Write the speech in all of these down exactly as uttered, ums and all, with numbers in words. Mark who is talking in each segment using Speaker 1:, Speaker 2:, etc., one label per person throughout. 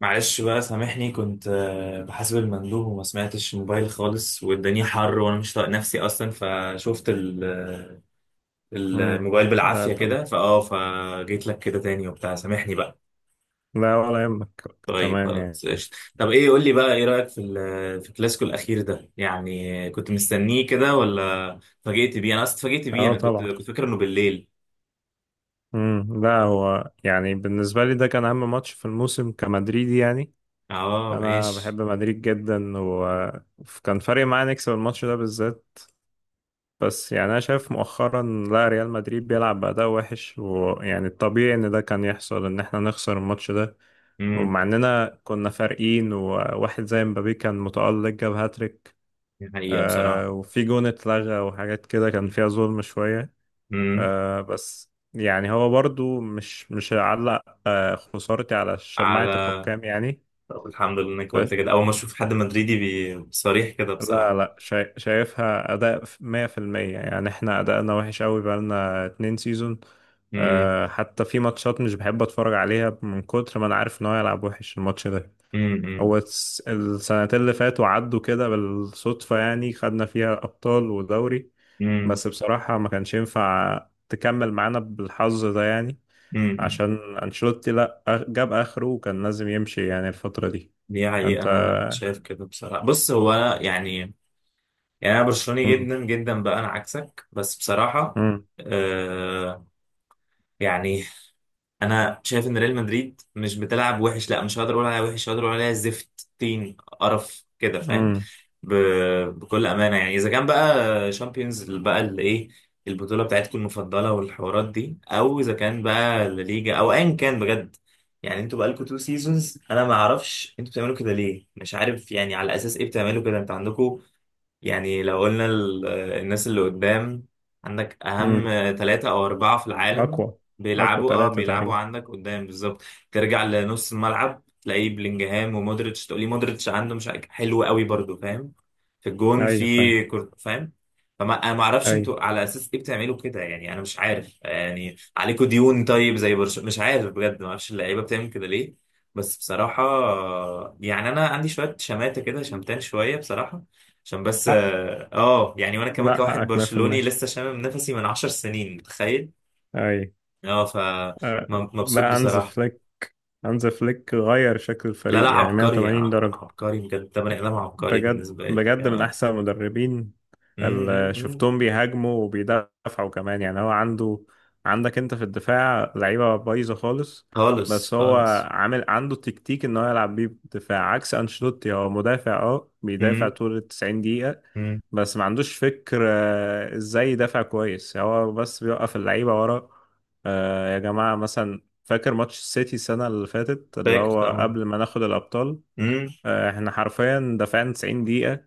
Speaker 1: معلش بقى سامحني، كنت آه، بحاسب المندوب وما سمعتش الموبايل خالص، والدنيا حر وانا مش طايق نفسي اصلا. فشفت ال- آه، ال-
Speaker 2: امم.
Speaker 1: الموبايل
Speaker 2: لا
Speaker 1: بالعافية
Speaker 2: طبعا.
Speaker 1: كده، فاه فجيت لك كده تاني وبتاع. سامحني بقى.
Speaker 2: لا ولا يهمك.
Speaker 1: طيب
Speaker 2: تمام يعني.
Speaker 1: خلاص قشطة. طب ايه، قول لي بقى، ايه رأيك في ال- في الكلاسيكو الاخير ده؟ يعني كنت مستنيه كده ولا اتفاجئت بيه؟ انا اصلا اتفاجئت بيه،
Speaker 2: اه
Speaker 1: انا كنت
Speaker 2: طبعا.
Speaker 1: كنت فاكر انه بالليل.
Speaker 2: امم لا، هو يعني بالنسبة لي ده كان أهم ماتش في الموسم كمدريدي يعني.
Speaker 1: اه
Speaker 2: أنا
Speaker 1: ماشي.
Speaker 2: بحب مدريد جدا، وكان فارق معايا نكسب الماتش ده بالذات. بس يعني أنا شايف مؤخرا، لا ريال مدريد بيلعب بأداء وحش، ويعني الطبيعي إن ده كان يحصل إن إحنا نخسر الماتش ده.
Speaker 1: امم.
Speaker 2: ومع إننا كنا فارقين وواحد زي مبابي كان متألق جاب هاتريك.
Speaker 1: دي حقيقة
Speaker 2: آه
Speaker 1: بصراحة.
Speaker 2: وفي جون اتلغى وحاجات كده كان فيها ظلم شوية.
Speaker 1: امم.
Speaker 2: آه بس يعني هو برضو مش مش هعلق آه خسارتي على شماعة
Speaker 1: على
Speaker 2: الحكام يعني.
Speaker 1: طب الحمد لله انك قلت
Speaker 2: ف...
Speaker 1: كده، اول ما اشوف حد مدريدي بي- صريح كده
Speaker 2: لا
Speaker 1: بصراحه.
Speaker 2: لا، شا... شايفها أداء مية في المية، يعني احنا أداءنا وحش قوي بقالنا اتنين سيزون.
Speaker 1: امم،
Speaker 2: آه حتى في ماتشات مش بحب أتفرج عليها من كتر ما أنا عارف إن هو هيلعب وحش الماتش ده.
Speaker 1: امم،
Speaker 2: هو الس- السنتين اللي فاتوا عدوا كده بالصدفة، يعني خدنا فيها أبطال ودوري.
Speaker 1: امم،
Speaker 2: بس بصراحة ما كانش ينفع تكمل معانا بالحظ ده يعني.
Speaker 1: امم.
Speaker 2: عشان أنشيلوتي لا أخ- جاب آخره وكان لازم يمشي يعني الفترة دي.
Speaker 1: دي حقيقه،
Speaker 2: أنت.
Speaker 1: انا شايف كده بصراحه. بص، هو أنا يعني يعني انا برشلوني
Speaker 2: مم.
Speaker 1: جدا جدا بقى، انا عكسك بس بصراحه.
Speaker 2: مم.
Speaker 1: آه، يعني انا شايف ان ريال مدريد مش بتلعب وحش، لا مش هقدر اقول عليها وحش، هقدر اقول عليها زفت طين قرف كده، فاهم؟
Speaker 2: مم.
Speaker 1: ب... بكل امانه يعني. اذا كان بقى شامبيونز بقى الايه، البطوله بتاعتكم المفضله والحوارات دي، او اذا كان بقى لا ليجا، او ايا كان بجد. يعني انتوا بقالكم تو سيزونز، انا ما اعرفش انتوا بتعملوا كده ليه، مش عارف يعني على اساس ايه بتعملوا كده. انتوا عندكم، يعني لو قلنا ال- الناس اللي قدام، عندك أهم
Speaker 2: مم.
Speaker 1: ثلاثة أو أربعة في العالم
Speaker 2: أقوى أقوى
Speaker 1: بيلعبوا اه
Speaker 2: ثلاثة
Speaker 1: بيلعبوا
Speaker 2: تقريبا.
Speaker 1: عندك قدام بالظبط. ترجع لنص الملعب تلاقيه بلينجهام ومودريتش، تقولي مودريتش عنده مش عارف- حلو قوي برضو، فاهم؟ في الجون في
Speaker 2: أيوة فعلا.
Speaker 1: كورت، فاهم؟ فما انا ما اعرفش
Speaker 2: أيوة.
Speaker 1: انتوا على اساس ايه بتعملوا كده، يعني انا مش عارف. يعني عليكوا ديون طيب زي برشلونة، مش عارف بجد، ما اعرفش اللعيبه بتعمل كده ليه، بس بصراحه. يعني انا عندي شويه شماته كده، شمتان شويه بصراحه، عشان بس
Speaker 2: حق.
Speaker 1: اه، آه، يعني. وانا كمان
Speaker 2: لا،
Speaker 1: كواحد
Speaker 2: حقك
Speaker 1: برشلوني
Speaker 2: مية في المية.
Speaker 1: لسه شامم نفسي من عشر سنين، متخيل.
Speaker 2: أيوة.
Speaker 1: اه، ف
Speaker 2: أه.
Speaker 1: م- مبسوط
Speaker 2: لا، هانز
Speaker 1: بصراحة.
Speaker 2: فليك هانز فليك غير شكل
Speaker 1: لا لا،
Speaker 2: الفريق يعني
Speaker 1: عبقري،
Speaker 2: مية وتمانين
Speaker 1: ع-
Speaker 2: درجة.
Speaker 1: عبقري بجد، ده بني ادم عبقري
Speaker 2: بجد
Speaker 1: بالنسبة لي.
Speaker 2: بجد من
Speaker 1: اه.
Speaker 2: أحسن المدربين.
Speaker 1: م- م-
Speaker 2: ال-
Speaker 1: م.
Speaker 2: شفتهم بيهاجموا وبيدافعوا كمان، يعني هو عنده. عندك انت في الدفاع لعيبة بايظة خالص.
Speaker 1: خالص
Speaker 2: بس هو
Speaker 1: خالص.
Speaker 2: عامل عنده تكتيك ان هو يلعب بيه بدفاع عكس انشيلوتي. هو مدافع، اه بيدافع
Speaker 1: م-
Speaker 2: طول ال تسعين دقيقة.
Speaker 1: م.
Speaker 2: بس ما عندوش فكر، آه، ازاي يدافع كويس. هو بس بيوقف اللعيبة ورا. آه، يا جماعة مثلا فاكر ماتش السيتي السنة اللي فاتت، اللي
Speaker 1: فاكر
Speaker 2: هو
Speaker 1: طبعا.
Speaker 2: قبل ما ناخد الأبطال.
Speaker 1: م.
Speaker 2: آه، احنا حرفيا دافعنا تسعين دقيقة.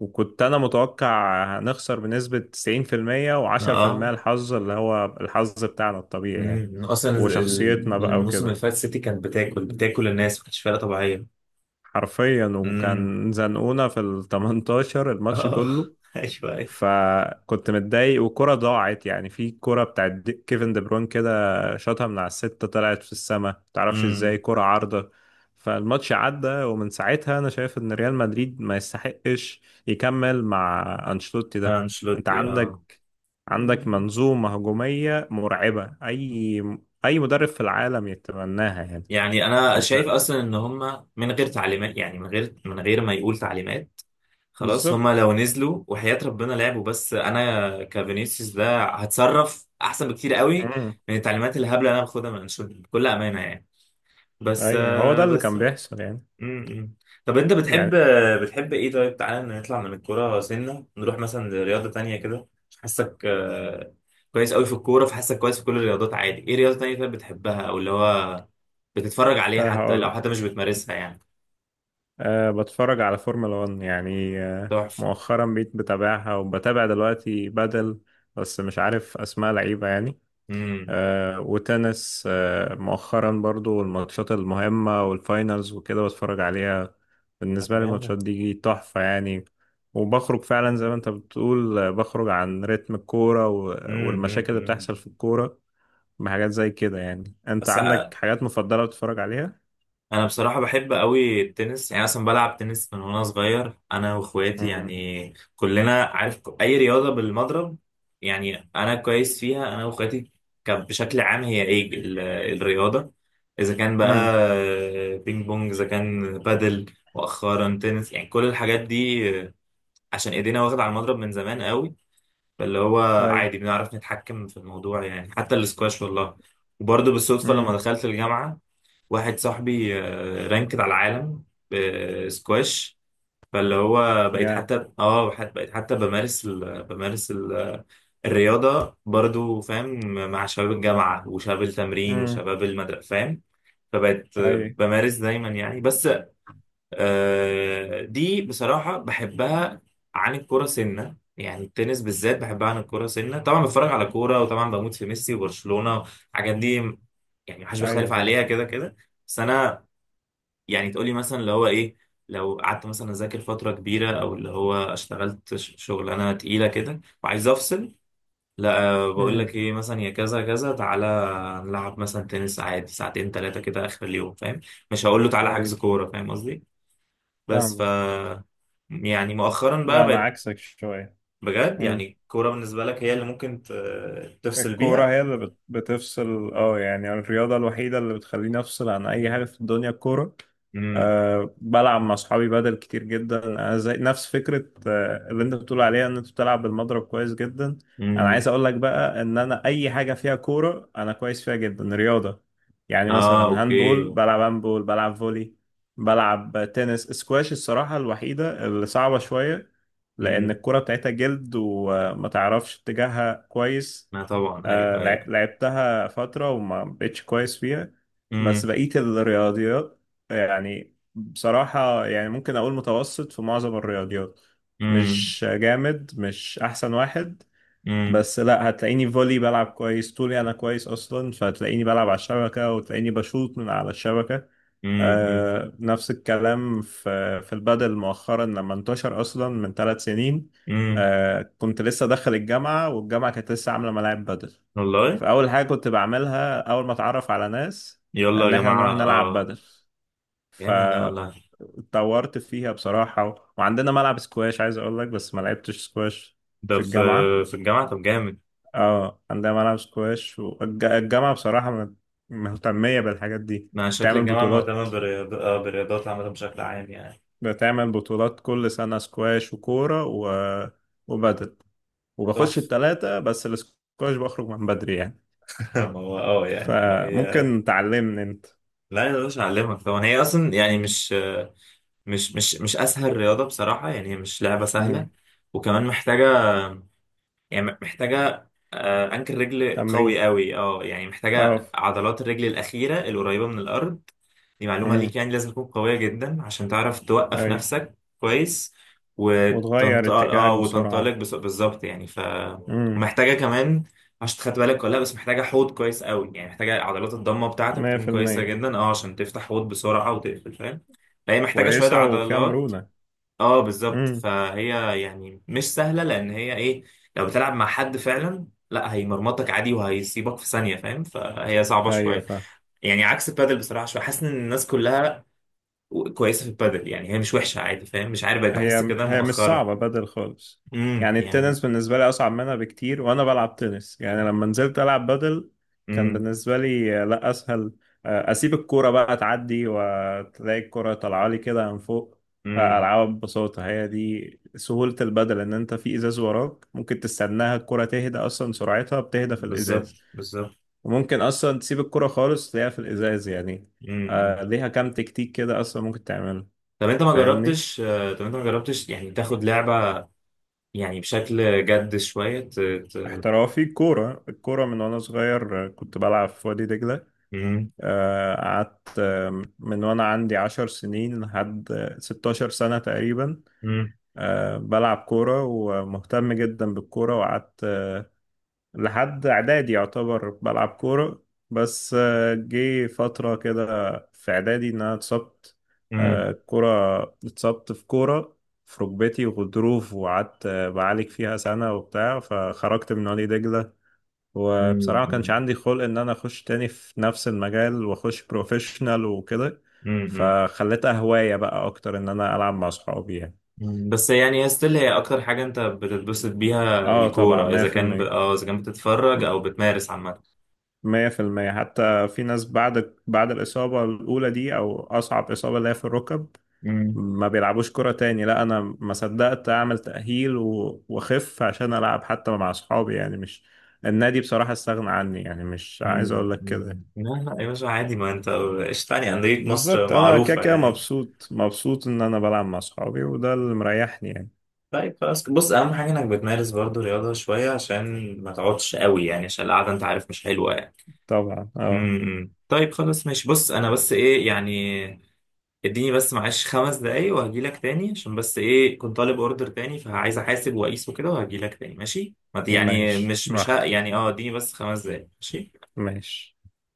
Speaker 2: وكنت انا متوقع هنخسر بنسبة تسعين في المية و10%،
Speaker 1: اه.
Speaker 2: الحظ اللي هو الحظ بتاعنا الطبيعي يعني.
Speaker 1: م. اصلا
Speaker 2: وشخصيتنا
Speaker 1: ال-
Speaker 2: بقى
Speaker 1: الموسم اللي
Speaker 2: وكده.
Speaker 1: فات سيتي كانت بتاكل بتاكل الناس، ما كانتش فرقة طبيعية.
Speaker 2: حرفيا
Speaker 1: م.
Speaker 2: وكان زنقونا في ال تمنتاشر الماتش
Speaker 1: اه.
Speaker 2: كله.
Speaker 1: ايوه ايوه.
Speaker 2: فكنت متضايق وكرة ضاعت، يعني في كرة بتاعت دي- كيفن دي بروين كده، شاطها من على الستة طلعت في السماء، متعرفش ازاي
Speaker 1: م.
Speaker 2: كرة عارضة. فالماتش عدى، ومن ساعتها انا شايف ان ريال مدريد ما يستحقش يكمل مع انشيلوتي
Speaker 1: آه،
Speaker 2: ده. انت.
Speaker 1: انشيلوتي، اه.
Speaker 2: عندك عندك منظومة هجومية مرعبة. اي اي مدرب في العالم يتمناها يعني.
Speaker 1: يعني انا شايف
Speaker 2: انت
Speaker 1: اصلا ان هم من غير تعليمات، يعني من غير من غير ما يقول تعليمات خلاص، هم
Speaker 2: بالظبط.
Speaker 1: لو نزلوا وحياة ربنا لعبوا بس. انا كفينيسيوس ده هتصرف احسن بكتير قوي
Speaker 2: امم.
Speaker 1: من التعليمات الهبله اللي انا باخدها من انشيلوتي، بكل امانه يعني. بس
Speaker 2: اي، هو
Speaker 1: آه،
Speaker 2: ده اللي
Speaker 1: بس
Speaker 2: كان
Speaker 1: آه،
Speaker 2: بيحصل يعني.
Speaker 1: م- م. طب انت بتحب
Speaker 2: يعني
Speaker 1: بتحب ايه؟ طيب تعالى نطلع من الكوره سنه، نروح مثلا لرياضه تانية كده. حاسك آه، كويس قوي في الكوره، فحاسك كويس في كل الرياضات عادي. ايه رياضه تانية طيب بتحبها، او اللي هو بتتفرج عليها حتى لو
Speaker 2: هقول
Speaker 1: حتى مش بتمارسها يعني؟
Speaker 2: أه، بتفرج على فورمولا 1، يعني أه
Speaker 1: تحفة.
Speaker 2: مؤخرا بقيت بتابعها، وبتابع دلوقتي بدل. بس مش عارف أسماء لعيبة يعني.
Speaker 1: امم.
Speaker 2: أه وتنس، أه مؤخرا برضو الماتشات المهمة والفاينلز وكده بتفرج عليها.
Speaker 1: طب
Speaker 2: بالنسبة لي
Speaker 1: جامد.
Speaker 2: الماتشات دي تحفة يعني. وبخرج فعلا زي ما انت بتقول، آه، بخرج عن رتم الكورة و-
Speaker 1: امم. امم.
Speaker 2: والمشاكل اللي
Speaker 1: أمم.
Speaker 2: بتحصل في الكورة. بحاجات زي كده، يعني انت
Speaker 1: بس أ-
Speaker 2: عندك حاجات مفضلة بتتفرج عليها؟
Speaker 1: انا بصراحة بحب قوي التنس، يعني اصلا بلعب تنس من وانا صغير، انا واخواتي
Speaker 2: امم.
Speaker 1: يعني كلنا عارف. ك- اي رياضة بالمضرب يعني، انا كويس فيها انا واخواتي. كان بشكل عام، هي ايه ال- الرياضة، اذا كان بقى
Speaker 2: امم.
Speaker 1: بينج بونج، اذا كان بادل، مؤخرا تنس يعني، كل الحاجات دي، عشان ايدينا واخدة على المضرب من زمان قوي، فاللي هو
Speaker 2: اي.
Speaker 1: عادي بنعرف نتحكم في الموضوع. يعني حتى الاسكواش، والله، وبرضه بالصدفة لما
Speaker 2: امم.
Speaker 1: دخلت الجامعة واحد صاحبي آه، رانكد على العالم بسكواش. فاللي هو بقيت
Speaker 2: يا.
Speaker 1: حتى اه حت- بقيت حتى بمارس ال... بمارس ال... الرياضة برضو، فاهم؟ مع شباب الجامعة وشباب التمرين
Speaker 2: امم.
Speaker 1: وشباب المدرسة، فاهم؟ فبقيت آه،
Speaker 2: اي.
Speaker 1: بمارس دايما يعني بس. آه، دي بصراحة بحبها عن الكورة سنة، يعني التنس بالذات بحبها عن الكورة سنة. طبعا بتفرج على كورة، وطبعا بموت في ميسي وبرشلونة الحاجات دي، يعني محدش
Speaker 2: ايوه
Speaker 1: بيختلف
Speaker 2: طبعا.
Speaker 1: عليها كده كده. بس أنا يعني، تقولي مثلا اللي هو إيه، لو قعدت مثلا أذاكر فترة كبيرة، أو اللي هو اشتغلت ش- شغلانة تقيلة كده وعايز أفصل، لا، آه، بقول لك
Speaker 2: امم.
Speaker 1: إيه، مثلا يا كذا كذا تعالى نلعب مثلا تنس عادي ساعتين تلاتة كده آخر اليوم، فاهم؟ مش هقول له تعالى
Speaker 2: اي.
Speaker 1: حجز كورة، فاهم قصدي؟ بس ف
Speaker 2: فاهمك.
Speaker 1: يعني مؤخرا بقى
Speaker 2: لا، انا
Speaker 1: بقت.
Speaker 2: عكسك شويه.
Speaker 1: بجد،
Speaker 2: مم.
Speaker 1: يعني الكورة بالنسبة لك هي اللي ممكن ت- تفصل
Speaker 2: الكورة
Speaker 1: بيها.
Speaker 2: هي اللي بت- بتفصل، اه يعني الرياضة الوحيدة اللي بتخليني أفصل عن أي حاجة في الدنيا الكورة.
Speaker 1: امم.
Speaker 2: أه بلعب مع أصحابي بدل كتير جدا، أنا زي نفس فكرة آه، اللي أنت بتقول عليها إن أنت بتلعب بالمضرب كويس جدا. أنا عايز
Speaker 1: امم.
Speaker 2: أقول لك بقى إن أنا أي حاجة فيها كورة أنا كويس فيها جدا رياضة. يعني
Speaker 1: اه
Speaker 2: مثلا
Speaker 1: اوكي.
Speaker 2: هاندبول، بلعب هاندبول، بلعب فولي، بلعب تنس، سكواش الصراحة الوحيدة اللي صعبة شوية، لأن
Speaker 1: امم.
Speaker 2: الكرة بتاعتها جلد وما تعرفش اتجاهها كويس.
Speaker 1: ما طبعا، ايوه
Speaker 2: آه، لع-
Speaker 1: ايوه.
Speaker 2: لعبتها فترة وما بقتش كويس فيها. بس
Speaker 1: امم.
Speaker 2: بقيت الرياضيات يعني بصراحة، يعني ممكن أقول متوسط في معظم الرياضيات.
Speaker 1: امم.
Speaker 2: مش جامد، مش أحسن واحد.
Speaker 1: امم.
Speaker 2: بس لا، هتلاقيني فولي بلعب كويس، طولي انا كويس اصلا، فهتلاقيني بلعب على الشبكه وتلاقيني بشوط من على الشبكه.
Speaker 1: امم.
Speaker 2: آه نفس الكلام في في البادل مؤخرا لما انتشر اصلا من ثلاث سنين.
Speaker 1: امم.
Speaker 2: آه كنت لسه داخل الجامعه، والجامعه كانت لسه عامله ملاعب بادل.
Speaker 1: والله.
Speaker 2: فاول حاجه كنت بعملها اول ما اتعرف على ناس،
Speaker 1: يلا يا
Speaker 2: ان احنا
Speaker 1: جماعة،
Speaker 2: نروح نلعب
Speaker 1: اه.
Speaker 2: بادل.
Speaker 1: جامد ده
Speaker 2: فاتطورت
Speaker 1: والله.
Speaker 2: فيها بصراحه. وعندنا ملعب سكواش عايز اقول لك، بس ما لعبتش سكواش
Speaker 1: ده
Speaker 2: في
Speaker 1: في
Speaker 2: الجامعه.
Speaker 1: في الجامعة. طب جامد.
Speaker 2: اه عندها ملعب سكواش، والجامعة بصراحة مت- مهتمية بالحاجات دي.
Speaker 1: ما شكل
Speaker 2: بتعمل
Speaker 1: الجامعة
Speaker 2: بطولات
Speaker 1: مهتمة بالرياض- آه، بالرياضات عامة بشكل عام يعني.
Speaker 2: بتعمل بطولات كل سنة، سكواش وكورة و... وبدل، وبخش
Speaker 1: تحفة.
Speaker 2: التلاتة بس السكواش بخرج من بدري يعني.
Speaker 1: ما هو اه يعني، اه هي،
Speaker 2: فممكن تعلمني انت.
Speaker 1: لا يا باشا اعلمك طبعا. هي اصلا يعني، مش مش مش مش اسهل رياضه بصراحه. يعني هي مش لعبه سهله،
Speaker 2: مم.
Speaker 1: وكمان محتاجه، يعني محتاجه آه، انكل رجل قوي
Speaker 2: تمرين.
Speaker 1: قوي، اه يعني
Speaker 2: اه.
Speaker 1: محتاجه عضلات الرجل الاخيره القريبه من الارض. دي معلومه
Speaker 2: امم.
Speaker 1: ليك، يعني لازم تكون قويه جدا عشان تعرف توقف
Speaker 2: اي.
Speaker 1: نفسك كويس،
Speaker 2: وتغير
Speaker 1: وتنطلق
Speaker 2: اتجاهك
Speaker 1: اه وتنطلق
Speaker 2: بسرعة.
Speaker 1: بس- بالظبط يعني. ف
Speaker 2: امم.
Speaker 1: ومحتاجه كمان، مش خدت بالك ولا لا، بس محتاجه حوض كويس قوي، يعني محتاجه عضلات الضمه بتاعتك
Speaker 2: مية في
Speaker 1: تكون كويسه
Speaker 2: المية
Speaker 1: جدا، اه عشان تفتح حوض بسرعه وتقفل، فاهم؟ فهي محتاجه شويه
Speaker 2: كويسة وفيها
Speaker 1: عضلات،
Speaker 2: مرونة.
Speaker 1: اه بالظبط.
Speaker 2: امم.
Speaker 1: فهي يعني مش سهله، لان هي ايه، لو بتلعب مع حد فعلا لا هيمرمطك عادي وهيسيبك في ثانيه، فاهم؟ فهي صعبه
Speaker 2: ايوه
Speaker 1: شويه.
Speaker 2: فاهم.
Speaker 1: يعني عكس البادل بصراحه شويه، حاسس ان الناس كلها كويسه في البادل، يعني هي مش وحشه عادي، فاهم؟ مش عارف بقيت بحس
Speaker 2: هي
Speaker 1: كده
Speaker 2: هي مش
Speaker 1: مؤخرا.
Speaker 2: صعبة بدل خالص،
Speaker 1: امم
Speaker 2: يعني
Speaker 1: يعني.
Speaker 2: التنس بالنسبة لي أصعب منها بكتير، وأنا بلعب تنس يعني لما نزلت ألعب بدل كان
Speaker 1: امم.
Speaker 2: بالنسبة لي، آه، لا أسهل. آه، أسيب الكورة بقى تعدي، وتلاقي الكورة طالعة لي كده من فوق، آه،
Speaker 1: امم.
Speaker 2: ألعبها ببساطة. هي دي سهولة البدل إن أنت في إزاز وراك ممكن تستناها الكورة تهدى، أصلا سرعتها بتهدى في
Speaker 1: بالظبط
Speaker 2: الإزاز.
Speaker 1: بالظبط.
Speaker 2: وممكن أصلا تسيب الكورة خالص تلاقيها في الإزاز يعني.
Speaker 1: امم. امم.
Speaker 2: آه، ليها كام تكتيك كده أصلا ممكن تعمله.
Speaker 1: طب انت ما
Speaker 2: فاهمني؟
Speaker 1: جربتش آه، طب انت ما جربتش يعني تاخد لعبه يعني بشكل جد شويه، ت... ت...
Speaker 2: احترافي كورة، الكورة من وأنا صغير آه، كنت بلعب في وادي دجلة،
Speaker 1: امم.
Speaker 2: آه، قعدت آه، من وأنا عندي عشر سنين لحد آه، ستاشر سنة تقريبا،
Speaker 1: امم.
Speaker 2: آه، بلعب كورة ومهتم جدا بالكورة. وقعدت آه، لحد إعدادي يعتبر بلعب كورة. بس آه، جه فترة كده في إعدادي إن أنا اتصبت،
Speaker 1: امم.
Speaker 2: آه، كورة. اتصبت في كورة في ركبتي وغضروف، وقعدت آه، بعالج فيها سنة وبتاع، فخرجت من وادي دجلة.
Speaker 1: امم،
Speaker 2: وبصراحة ما كانش
Speaker 1: امم.
Speaker 2: عندي خلق إن أنا أخش تاني في نفس المجال وأخش بروفيشنال وكده،
Speaker 1: امم.
Speaker 2: فخليتها هواية بقى أكتر إن أنا ألعب مع صحابي يعني.
Speaker 1: أمم. بس يعني ستيل هي اكتر حاجه انت بتتبسط بيها
Speaker 2: آه طبعا
Speaker 1: الكوره،
Speaker 2: مية
Speaker 1: اذا
Speaker 2: في
Speaker 1: كان ب...
Speaker 2: المية
Speaker 1: اه اذا كان بتتفرج او بتمارس عامه.
Speaker 2: مية في المية حتى في ناس بعد بعد الإصابة الأولى دي، أو أصعب إصابة اللي هي في الركب،
Speaker 1: امم.
Speaker 2: ما بيلعبوش كرة تاني. لا أنا ما صدقت أعمل تأهيل و- وأخف عشان ألعب حتى مع صحابي، يعني مش النادي بصراحة استغنى عني يعني مش عايز
Speaker 1: أمم.
Speaker 2: أقول لك كده.
Speaker 1: أمم. لا لا يا باشا، عادي ما انت، ايش تاني انديه مصر
Speaker 2: بالظبط. انا كده
Speaker 1: معروفه
Speaker 2: كده
Speaker 1: يعني.
Speaker 2: مبسوط، مبسوط ان انا بلعب مع اصحابي، وده اللي مريحني يعني.
Speaker 1: طيب خلاص، بص اهم حاجه انك بتمارس برضو رياضه شويه، عشان ما تقعدش قوي، يعني عشان القعده انت عارف مش حلوه يعني.
Speaker 2: طبعا اه.
Speaker 1: امم. أمم. طيب خلاص ماشي. بص انا بس ايه يعني، اديني بس معلش خمس دقايق وهجيلك تاني، عشان بس ايه، كنت طالب اوردر تاني فعايز احاسب واقيسه كده وهجيلك تاني، ماشي؟ ما ت- يعني
Speaker 2: ماشي
Speaker 1: مش مش ه...
Speaker 2: براحتك.
Speaker 1: يعني اه اديني بس خمس دقايق، ماشي؟
Speaker 2: ماشي.